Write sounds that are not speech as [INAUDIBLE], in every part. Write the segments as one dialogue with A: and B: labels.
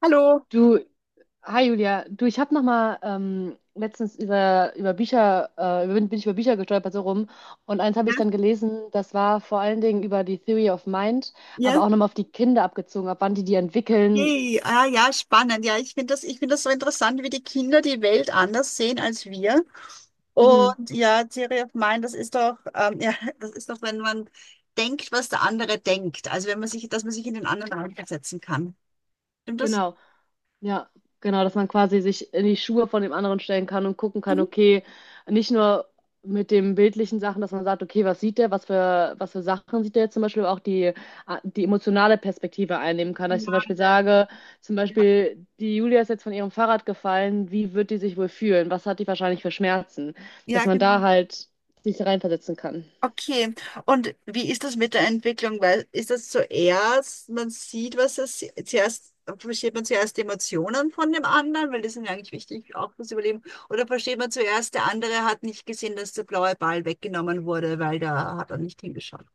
A: Hallo.
B: Du, hi Julia, du, ich habe noch mal letztens über Bücher, bin ich über Bücher gestolpert so rum, und eins habe
A: Ja,
B: ich dann gelesen. Das war vor allen Dingen über die Theory of Mind, aber
A: ja,
B: auch nochmal auf die Kinder abgezogen, ab wann die die entwickeln.
A: hey, ah, ja, spannend. Ja, ich finde das so interessant, wie die Kinder die Welt anders sehen als wir.
B: Mhm,
A: Und ja, Theory of Mind, das ist doch, ja, [LAUGHS] das ist doch, wenn man denkt, was der andere denkt. Also wenn man sich, dass man sich in den anderen reinversetzen kann. Stimmt das?
B: genau. Ja, genau, dass man quasi sich in die Schuhe von dem anderen stellen kann und gucken kann,
A: Mhm.
B: okay, nicht nur mit den bildlichen Sachen, dass man sagt, okay, was sieht der, was für Sachen sieht der jetzt zum Beispiel auch die, ah, die emotionale Perspektive einnehmen kann. Dass ich zum
A: Ja,
B: Beispiel
A: ja,
B: sage, zum Beispiel, die Julia ist jetzt von ihrem Fahrrad gefallen, wie wird die sich wohl fühlen? Was hat die wahrscheinlich für Schmerzen? Dass
A: ja,
B: man da
A: genau.
B: halt sich reinversetzen kann.
A: Okay, und wie ist das mit der Entwicklung? Weil ist das zuerst, man sieht, was es zuerst, versteht man zuerst die Emotionen von dem anderen, weil die sind ja eigentlich wichtig auch fürs Überleben, oder versteht man zuerst, der andere hat nicht gesehen, dass der blaue Ball weggenommen wurde, weil da hat er nicht hingeschaut.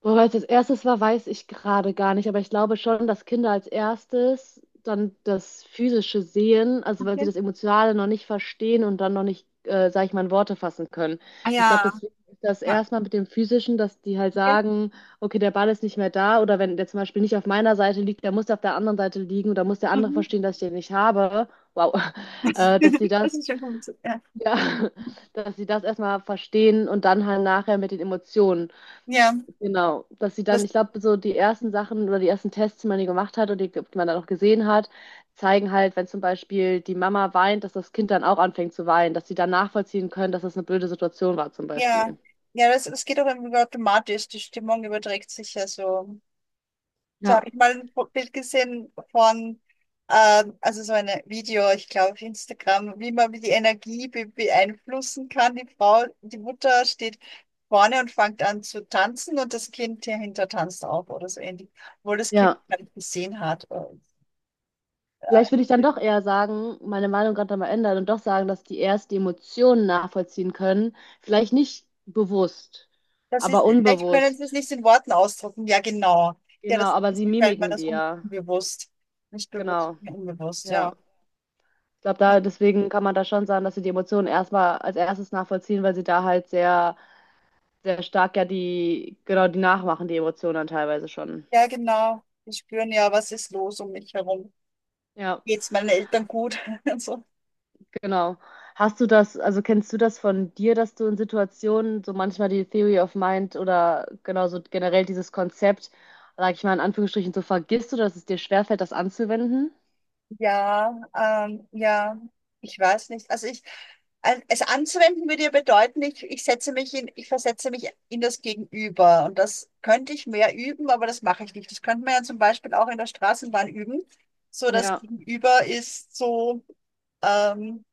B: Boah, weil es als erstes war, weiß ich gerade gar nicht, aber ich glaube schon, dass Kinder als erstes dann das Physische sehen, also weil sie
A: Okay.
B: das Emotionale noch nicht verstehen und dann noch nicht, sag ich mal, in Worte fassen können.
A: Ah
B: Ich glaube,
A: ja,
B: deswegen ist das
A: ja,
B: erstmal mit dem Physischen, dass die halt
A: okay.
B: sagen, okay, der Ball ist nicht mehr da, oder wenn der zum Beispiel nicht auf meiner Seite liegt, der muss auf der anderen Seite liegen, oder muss der andere
A: Mhm.
B: verstehen, dass ich den nicht habe. Wow, [LAUGHS] äh, dass sie
A: [LAUGHS]
B: das,
A: Das ist schon gut. Ja,
B: ja, [LAUGHS] dass sie das erstmal verstehen und dann halt nachher mit den Emotionen.
A: ja,
B: Genau, dass sie dann,
A: das,
B: ich glaube, so die ersten Sachen oder die ersten Tests, die man hier gemacht hat und die man dann auch gesehen hat, zeigen halt, wenn zum Beispiel die Mama weint, dass das Kind dann auch anfängt zu weinen, dass sie dann nachvollziehen können, dass das eine blöde Situation war zum
A: ja,
B: Beispiel.
A: ja, das geht auch irgendwie automatisch. Die Stimmung überträgt sich ja so. Da habe
B: Ja,
A: ich mal ein Bild gesehen von, also so ein Video, ich glaube auf Instagram, wie man die Energie be beeinflussen kann. Die Frau, die Mutter steht vorne und fängt an zu tanzen und das Kind dahinter tanzt auch oder so ähnlich, obwohl das Kind
B: ja,
A: gar nicht gesehen hat. Und, äh,
B: vielleicht würde ich dann doch eher sagen, meine Meinung gerade mal ändern und doch sagen, dass die erst die Emotionen nachvollziehen können. Vielleicht nicht bewusst,
A: das ist,
B: aber
A: vielleicht können Sie es
B: unbewusst.
A: nicht in Worten ausdrücken. Ja, genau. Ja,
B: Genau,
A: das
B: aber
A: ist
B: sie
A: gefällt mir
B: mimiken
A: das
B: die ja.
A: unbewusst. Nicht bewusst,
B: Genau,
A: unbewusst,
B: ja.
A: ja.
B: Ich glaube, da deswegen kann man da schon sagen, dass sie die Emotionen erstmal als erstes nachvollziehen, weil sie da halt sehr stark ja die, genau, die nachmachen, die Emotionen dann teilweise schon.
A: Ja, genau. Die spüren ja, was ist los um mich herum.
B: Ja,
A: Geht's meinen Eltern gut? [LAUGHS] Und so.
B: genau. Hast du das, also kennst du das von dir, dass du in Situationen so manchmal die Theory of Mind oder genau so generell dieses Konzept, sag ich mal in Anführungsstrichen, so vergisst oder dass es dir schwerfällt, das anzuwenden?
A: Ja, ja, ich weiß nicht. Also ich, es anzuwenden würde ja bedeuten, ich setze mich in, ich versetze mich in das Gegenüber. Und das könnte ich mehr üben, aber das mache ich nicht. Das könnte man ja zum Beispiel auch in der Straßenbahn üben. So, das
B: Ja.
A: Gegenüber ist so, ähm,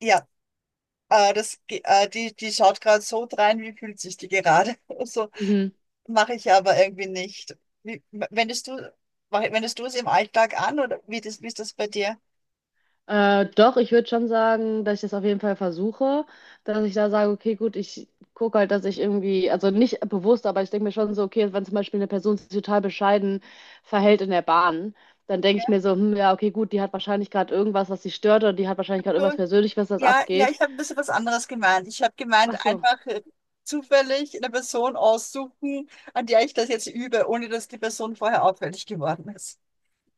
A: ja, das, die schaut gerade so drein, wie fühlt sich die gerade? [LAUGHS] So,
B: Mhm.
A: mache ich aber irgendwie nicht. Wie, wendest du es im Alltag an oder wie, das, wie ist das bei dir?
B: Doch, ich würde schon sagen, dass ich das auf jeden Fall versuche, dass ich da sage, okay, gut, ich gucke halt, dass ich irgendwie, also nicht bewusst, aber ich denke mir schon so, okay, wenn zum Beispiel eine Person sich total bescheiden verhält in der Bahn, dann denke ich
A: Ja,
B: mir so, hm, ja, okay, gut, die hat wahrscheinlich gerade irgendwas, was sie stört, oder die hat wahrscheinlich gerade
A: so,
B: irgendwas persönlich, was das
A: ja, ja,
B: abgeht.
A: ich habe ein bisschen was anderes gemeint. Ich habe gemeint,
B: Ach so.
A: einfach zufällig eine Person aussuchen, an der ich das jetzt übe, ohne dass die Person vorher auffällig geworden ist.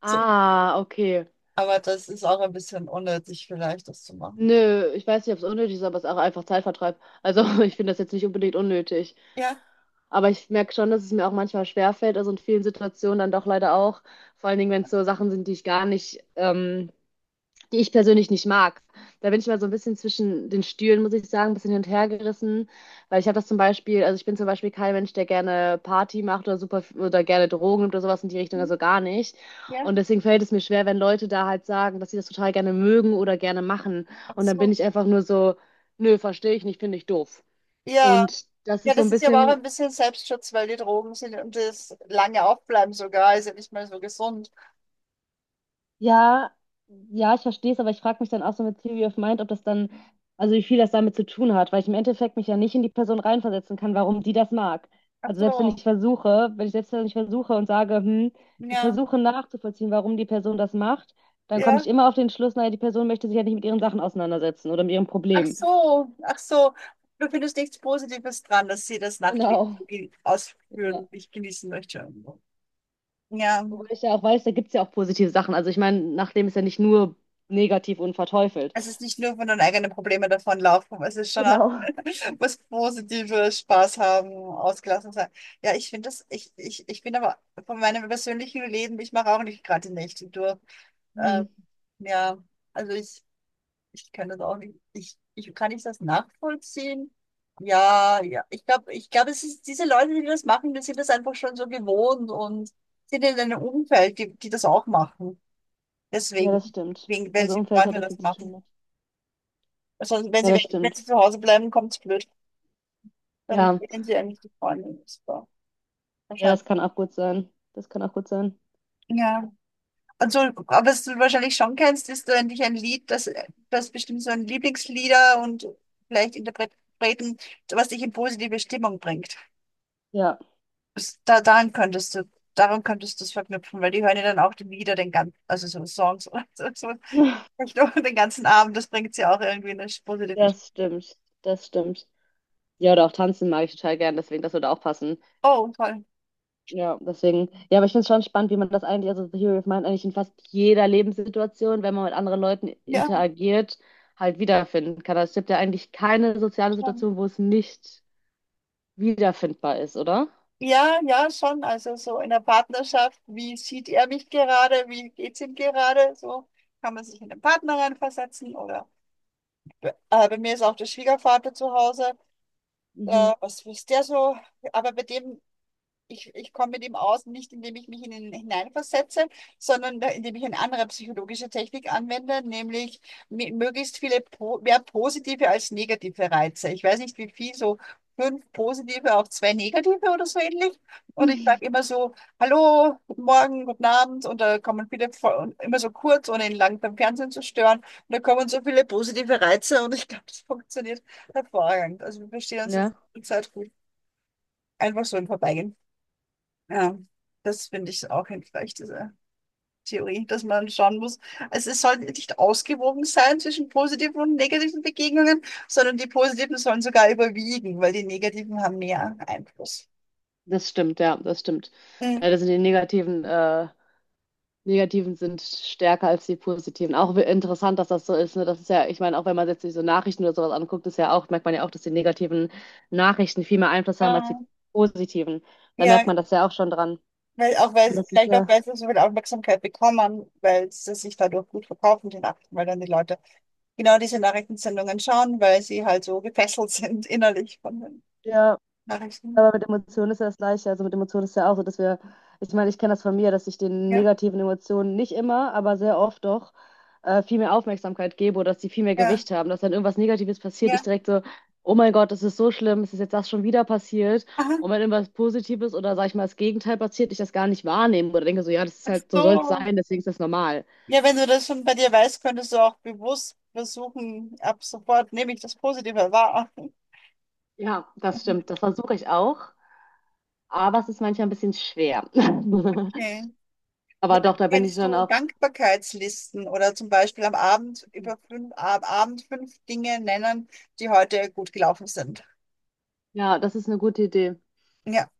A: So.
B: Ah, okay.
A: Aber das ist auch ein bisschen unnötig, vielleicht das zu machen.
B: Nö, ich weiß nicht, ob es unnötig ist, aber es ist auch einfach Zeitvertreib. Also [LAUGHS] ich finde das jetzt nicht unbedingt unnötig.
A: Ja.
B: Aber ich merke schon, dass es mir auch manchmal schwerfällt, also in vielen Situationen dann doch leider auch, vor allen Dingen, wenn es so Sachen sind, die ich gar nicht, die ich persönlich nicht mag. Da bin ich mal so ein bisschen zwischen den Stühlen, muss ich sagen, ein bisschen hin und her gerissen, weil ich habe das zum Beispiel, also ich bin zum Beispiel kein Mensch, der gerne Party macht oder super oder gerne Drogen nimmt oder sowas in die Richtung,
A: Mhm.
B: also gar nicht.
A: Ja.
B: Und deswegen fällt es mir schwer, wenn Leute da halt sagen, dass sie das total gerne mögen oder gerne machen.
A: Ach
B: Und dann bin
A: so.
B: ich einfach nur so, nö, verstehe ich nicht, finde ich doof.
A: Ja.
B: Und das
A: Ja,
B: ist so
A: das
B: ein
A: ist ja aber auch
B: bisschen.
A: ein bisschen Selbstschutz, weil die Drogen sind und das lange aufbleiben sogar, ist ja nicht mehr so gesund.
B: Ja, ja, ich verstehe es, aber ich frage mich dann auch so mit Theory of Mind, ob das dann, also wie viel das damit zu tun hat, weil ich im Endeffekt mich ja nicht in die Person reinversetzen kann, warum die das mag.
A: Ach
B: Also selbst wenn
A: so,
B: ich versuche, wenn ich selbst wenn ich versuche und sage, hm, ich
A: ja.
B: versuche nachzuvollziehen, warum die Person das macht, dann komme ich
A: Ja,
B: immer auf den Schluss, naja, die Person möchte sich ja nicht mit ihren Sachen auseinandersetzen oder mit ihrem
A: ach
B: Problem.
A: so, ach so. Du findest nichts Positives dran, dass sie das Nachtleben
B: Genau. Ja.
A: ausführen, ich genießen möchte. Ja,
B: Wobei ich ja auch weiß, da gibt es ja auch positive Sachen. Also ich meine, Nachleben ist ja nicht nur negativ und verteufelt.
A: es ist nicht nur von den eigenen Problemen davonlaufen, es ist schon auch
B: Genau.
A: was Positives, Spaß haben, ausgelassen sein. Ja, ich bin aber von meinem persönlichen Leben, ich mache auch nicht gerade die Nächte durch. Ähm, ja, also ich kann das auch nicht. Ich kann ich das nachvollziehen. Ja, ja. Ich glaube, es ist diese Leute, die das machen, die sind das einfach schon so gewohnt und sind in einem Umfeld, die, die das auch machen.
B: Ja, das
A: Deswegen,
B: stimmt.
A: wegen, wenn
B: Also
A: sie
B: Umfeld hat
A: Freunde
B: er viel
A: das
B: zu tun
A: machen.
B: mit.
A: Also wenn
B: Ja,
A: sie,
B: das
A: wenn
B: stimmt.
A: sie zu Hause bleiben, kommt es blöd. Dann
B: Ja,
A: kennen sie eigentlich die Freunde. Das war
B: ja, das
A: wahrscheinlich.
B: kann auch gut sein. Das kann auch gut sein.
A: Ja. Also, aber was du wahrscheinlich schon kennst, ist eigentlich ein Lied, das, das bestimmt so ein Lieblingslieder und vielleicht Interpreten, was dich in positive Stimmung bringt.
B: Ja,
A: Da, daran könntest du es verknüpfen, weil die hören ja dann auch die Lieder, den ganzen, also so Songs oder so,
B: [LAUGHS]
A: nicht nur den ganzen Abend, das bringt sie auch irgendwie in eine positive.
B: das stimmt. Das stimmt. Ja, oder auch tanzen mag ich total gern, deswegen, das würde auch passen.
A: Oh, toll.
B: Ja, deswegen. Ja, aber ich finde es schon spannend, wie man das eigentlich, also The Hero of Mind eigentlich in fast jeder Lebenssituation, wenn man mit anderen Leuten
A: Ja,
B: interagiert, halt wiederfinden kann. Also es gibt ja eigentlich keine soziale
A: schon.
B: Situation, wo es nicht wiederfindbar ist, oder?
A: Ja, ja, schon. Also so in der Partnerschaft, wie sieht er mich gerade, wie geht's ihm gerade? So kann man sich in den Partner reinversetzen oder bei mir ist auch der Schwiegervater zu Hause.
B: Mhm.
A: Was ist der so? Aber bei dem ich komme mit ihm aus, nicht indem ich mich in ihn hineinversetze, sondern indem ich eine andere psychologische Technik anwende, nämlich möglichst viele, mehr positive als negative Reize. Ich weiß nicht, wie viel, so fünf positive auf zwei negative oder so ähnlich. Und ich sage
B: [LAUGHS]
A: immer so, hallo, guten Morgen, guten Abend. Und da kommen viele, und immer so kurz, ohne ihn lang beim Fernsehen zu stören. Und da kommen so viele positive Reize und ich glaube, das funktioniert hervorragend. Also wir verstehen uns jetzt
B: Ja.
A: die Zeit gut. Einfach so im Vorbeigehen. Ja, das finde ich auch hilfreich, diese Theorie, dass man schauen muss. Also es soll nicht ausgewogen sein zwischen positiven und negativen Begegnungen, sondern die positiven sollen sogar überwiegen, weil die negativen haben mehr Einfluss.
B: Das stimmt, ja, das stimmt.
A: Mhm.
B: Leider sind die negativen, negativen sind stärker als die positiven. Auch interessant, dass das so ist. Ne? Das ist ja, ich meine, auch wenn man jetzt sich so Nachrichten oder sowas anguckt, ist ja auch, merkt man ja auch, dass die negativen Nachrichten viel mehr Einfluss haben als
A: Ja,
B: die positiven. Da merkt
A: ja,
B: man das ja auch schon dran.
A: weil auch weil,
B: Und das ist
A: vielleicht auch,
B: ja,
A: weil sie so viel Aufmerksamkeit bekommen, weil sie sich dadurch gut verkaufen, die Nachrichten, weil dann die Leute genau diese Nachrichtensendungen schauen, weil sie halt so gefesselt sind innerlich von den
B: ja.
A: Nachrichten.
B: Aber mit Emotionen ist ja das Gleiche. Also mit Emotionen ist ja auch so, dass wir, ich meine, ich kenne das von mir, dass ich den
A: Ja,
B: negativen Emotionen nicht immer, aber sehr oft doch viel mehr Aufmerksamkeit gebe oder dass die viel mehr
A: ja,
B: Gewicht haben, dass dann irgendwas Negatives passiert, ich
A: ja.
B: direkt so, oh mein Gott, das ist so schlimm, es ist jetzt das schon wieder passiert.
A: Aha,
B: Und wenn irgendwas Positives oder sag ich mal das Gegenteil passiert, ich das gar nicht wahrnehme oder denke so, ja, das ist
A: ach
B: halt, so soll es
A: so.
B: sein, deswegen ist das normal.
A: Ja, wenn du das schon bei dir weißt, könntest du auch bewusst versuchen, ab sofort nehme ich das Positive wahr.
B: Ja, das stimmt. Das versuche ich auch. Aber es ist manchmal ein bisschen schwer. [LAUGHS]
A: Okay. Na,
B: Aber doch, da bin ich
A: kennst
B: schon
A: du
B: auch.
A: Dankbarkeitslisten oder zum Beispiel am Abend über fünf, ab Abend fünf Dinge nennen, die heute gut gelaufen sind?
B: Ja, das ist eine gute Idee.
A: Ja,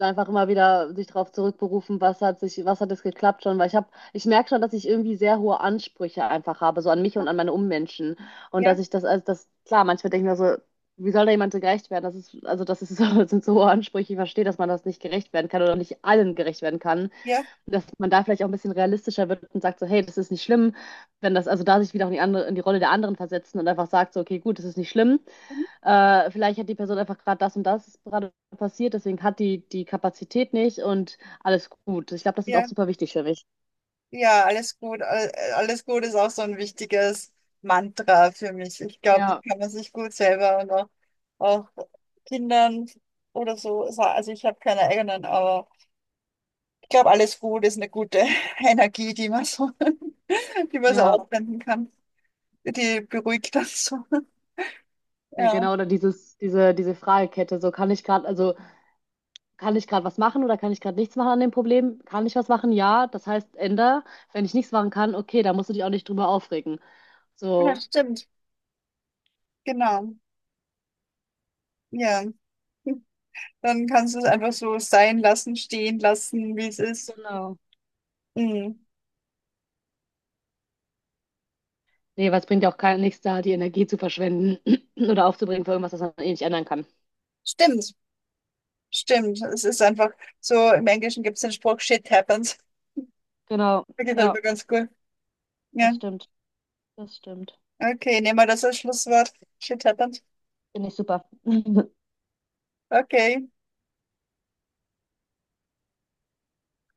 B: Einfach immer wieder sich darauf zurückberufen, was hat sich, was hat es geklappt schon, weil ich habe, ich merke schon, dass ich irgendwie sehr hohe Ansprüche einfach habe, so an mich und an meine Ummenschen. Und
A: ja,
B: dass ich das, also das, klar, manchmal denke ich mir so, wie soll da jemand so gerecht werden? Das ist, also das ist, [LAUGHS] so, das sind so hohe Ansprüche. Ich verstehe, dass man das nicht gerecht werden kann oder nicht allen gerecht werden kann.
A: ja,
B: Dass man da vielleicht auch ein bisschen realistischer wird und sagt so, hey, das ist nicht schlimm, wenn das, also da sich wieder auch in die andere, in die Rolle der anderen versetzen und einfach sagt so, okay, gut, das ist nicht schlimm.
A: mhm.
B: Vielleicht hat die Person einfach gerade das und das gerade passiert, deswegen hat die die Kapazität nicht und alles gut. Ich glaube, das ist auch
A: Ja,
B: super wichtig für mich.
A: ja, alles gut. Alles gut ist auch so ein wichtiges Mantra für mich. Ich glaube, das
B: Ja,
A: kann man sich gut selber und auch Kindern oder so sagen. Also ich habe keine eigenen, aber ich glaube, alles gut ist eine gute [LAUGHS] Energie, die man so, [LAUGHS] die man so
B: ja.
A: aufwenden kann. Die beruhigt das so. [LAUGHS]
B: Ja,
A: Ja,
B: genau, oder diese Fragekette, so kann ich gerade, also kann ich gerade was machen oder kann ich gerade nichts machen an dem Problem? Kann ich was machen? Ja, das heißt, änder. Wenn ich nichts machen kann, okay, da musst du dich auch nicht drüber aufregen.
A: ja,
B: So,
A: stimmt. Genau. Ja. Dann kannst du es einfach so sein lassen, stehen lassen, wie es ist.
B: Genau.
A: Mhm.
B: Nee, weil es bringt ja auch kein, nichts da, die Energie zu verschwenden [CLEARS THROAT] oder aufzubringen für irgendwas, das man eh nicht ändern kann.
A: Stimmt. Stimmt. Es ist einfach so, im Englischen gibt es den Spruch, shit happens.
B: Genau.
A: [LAUGHS] Der gefällt
B: Ja,
A: mir ganz gut. Ja.
B: das stimmt. Das stimmt.
A: Okay, nehmen wir das als Schlusswort. Shit happens.
B: Finde ich super. [LAUGHS]
A: Okay.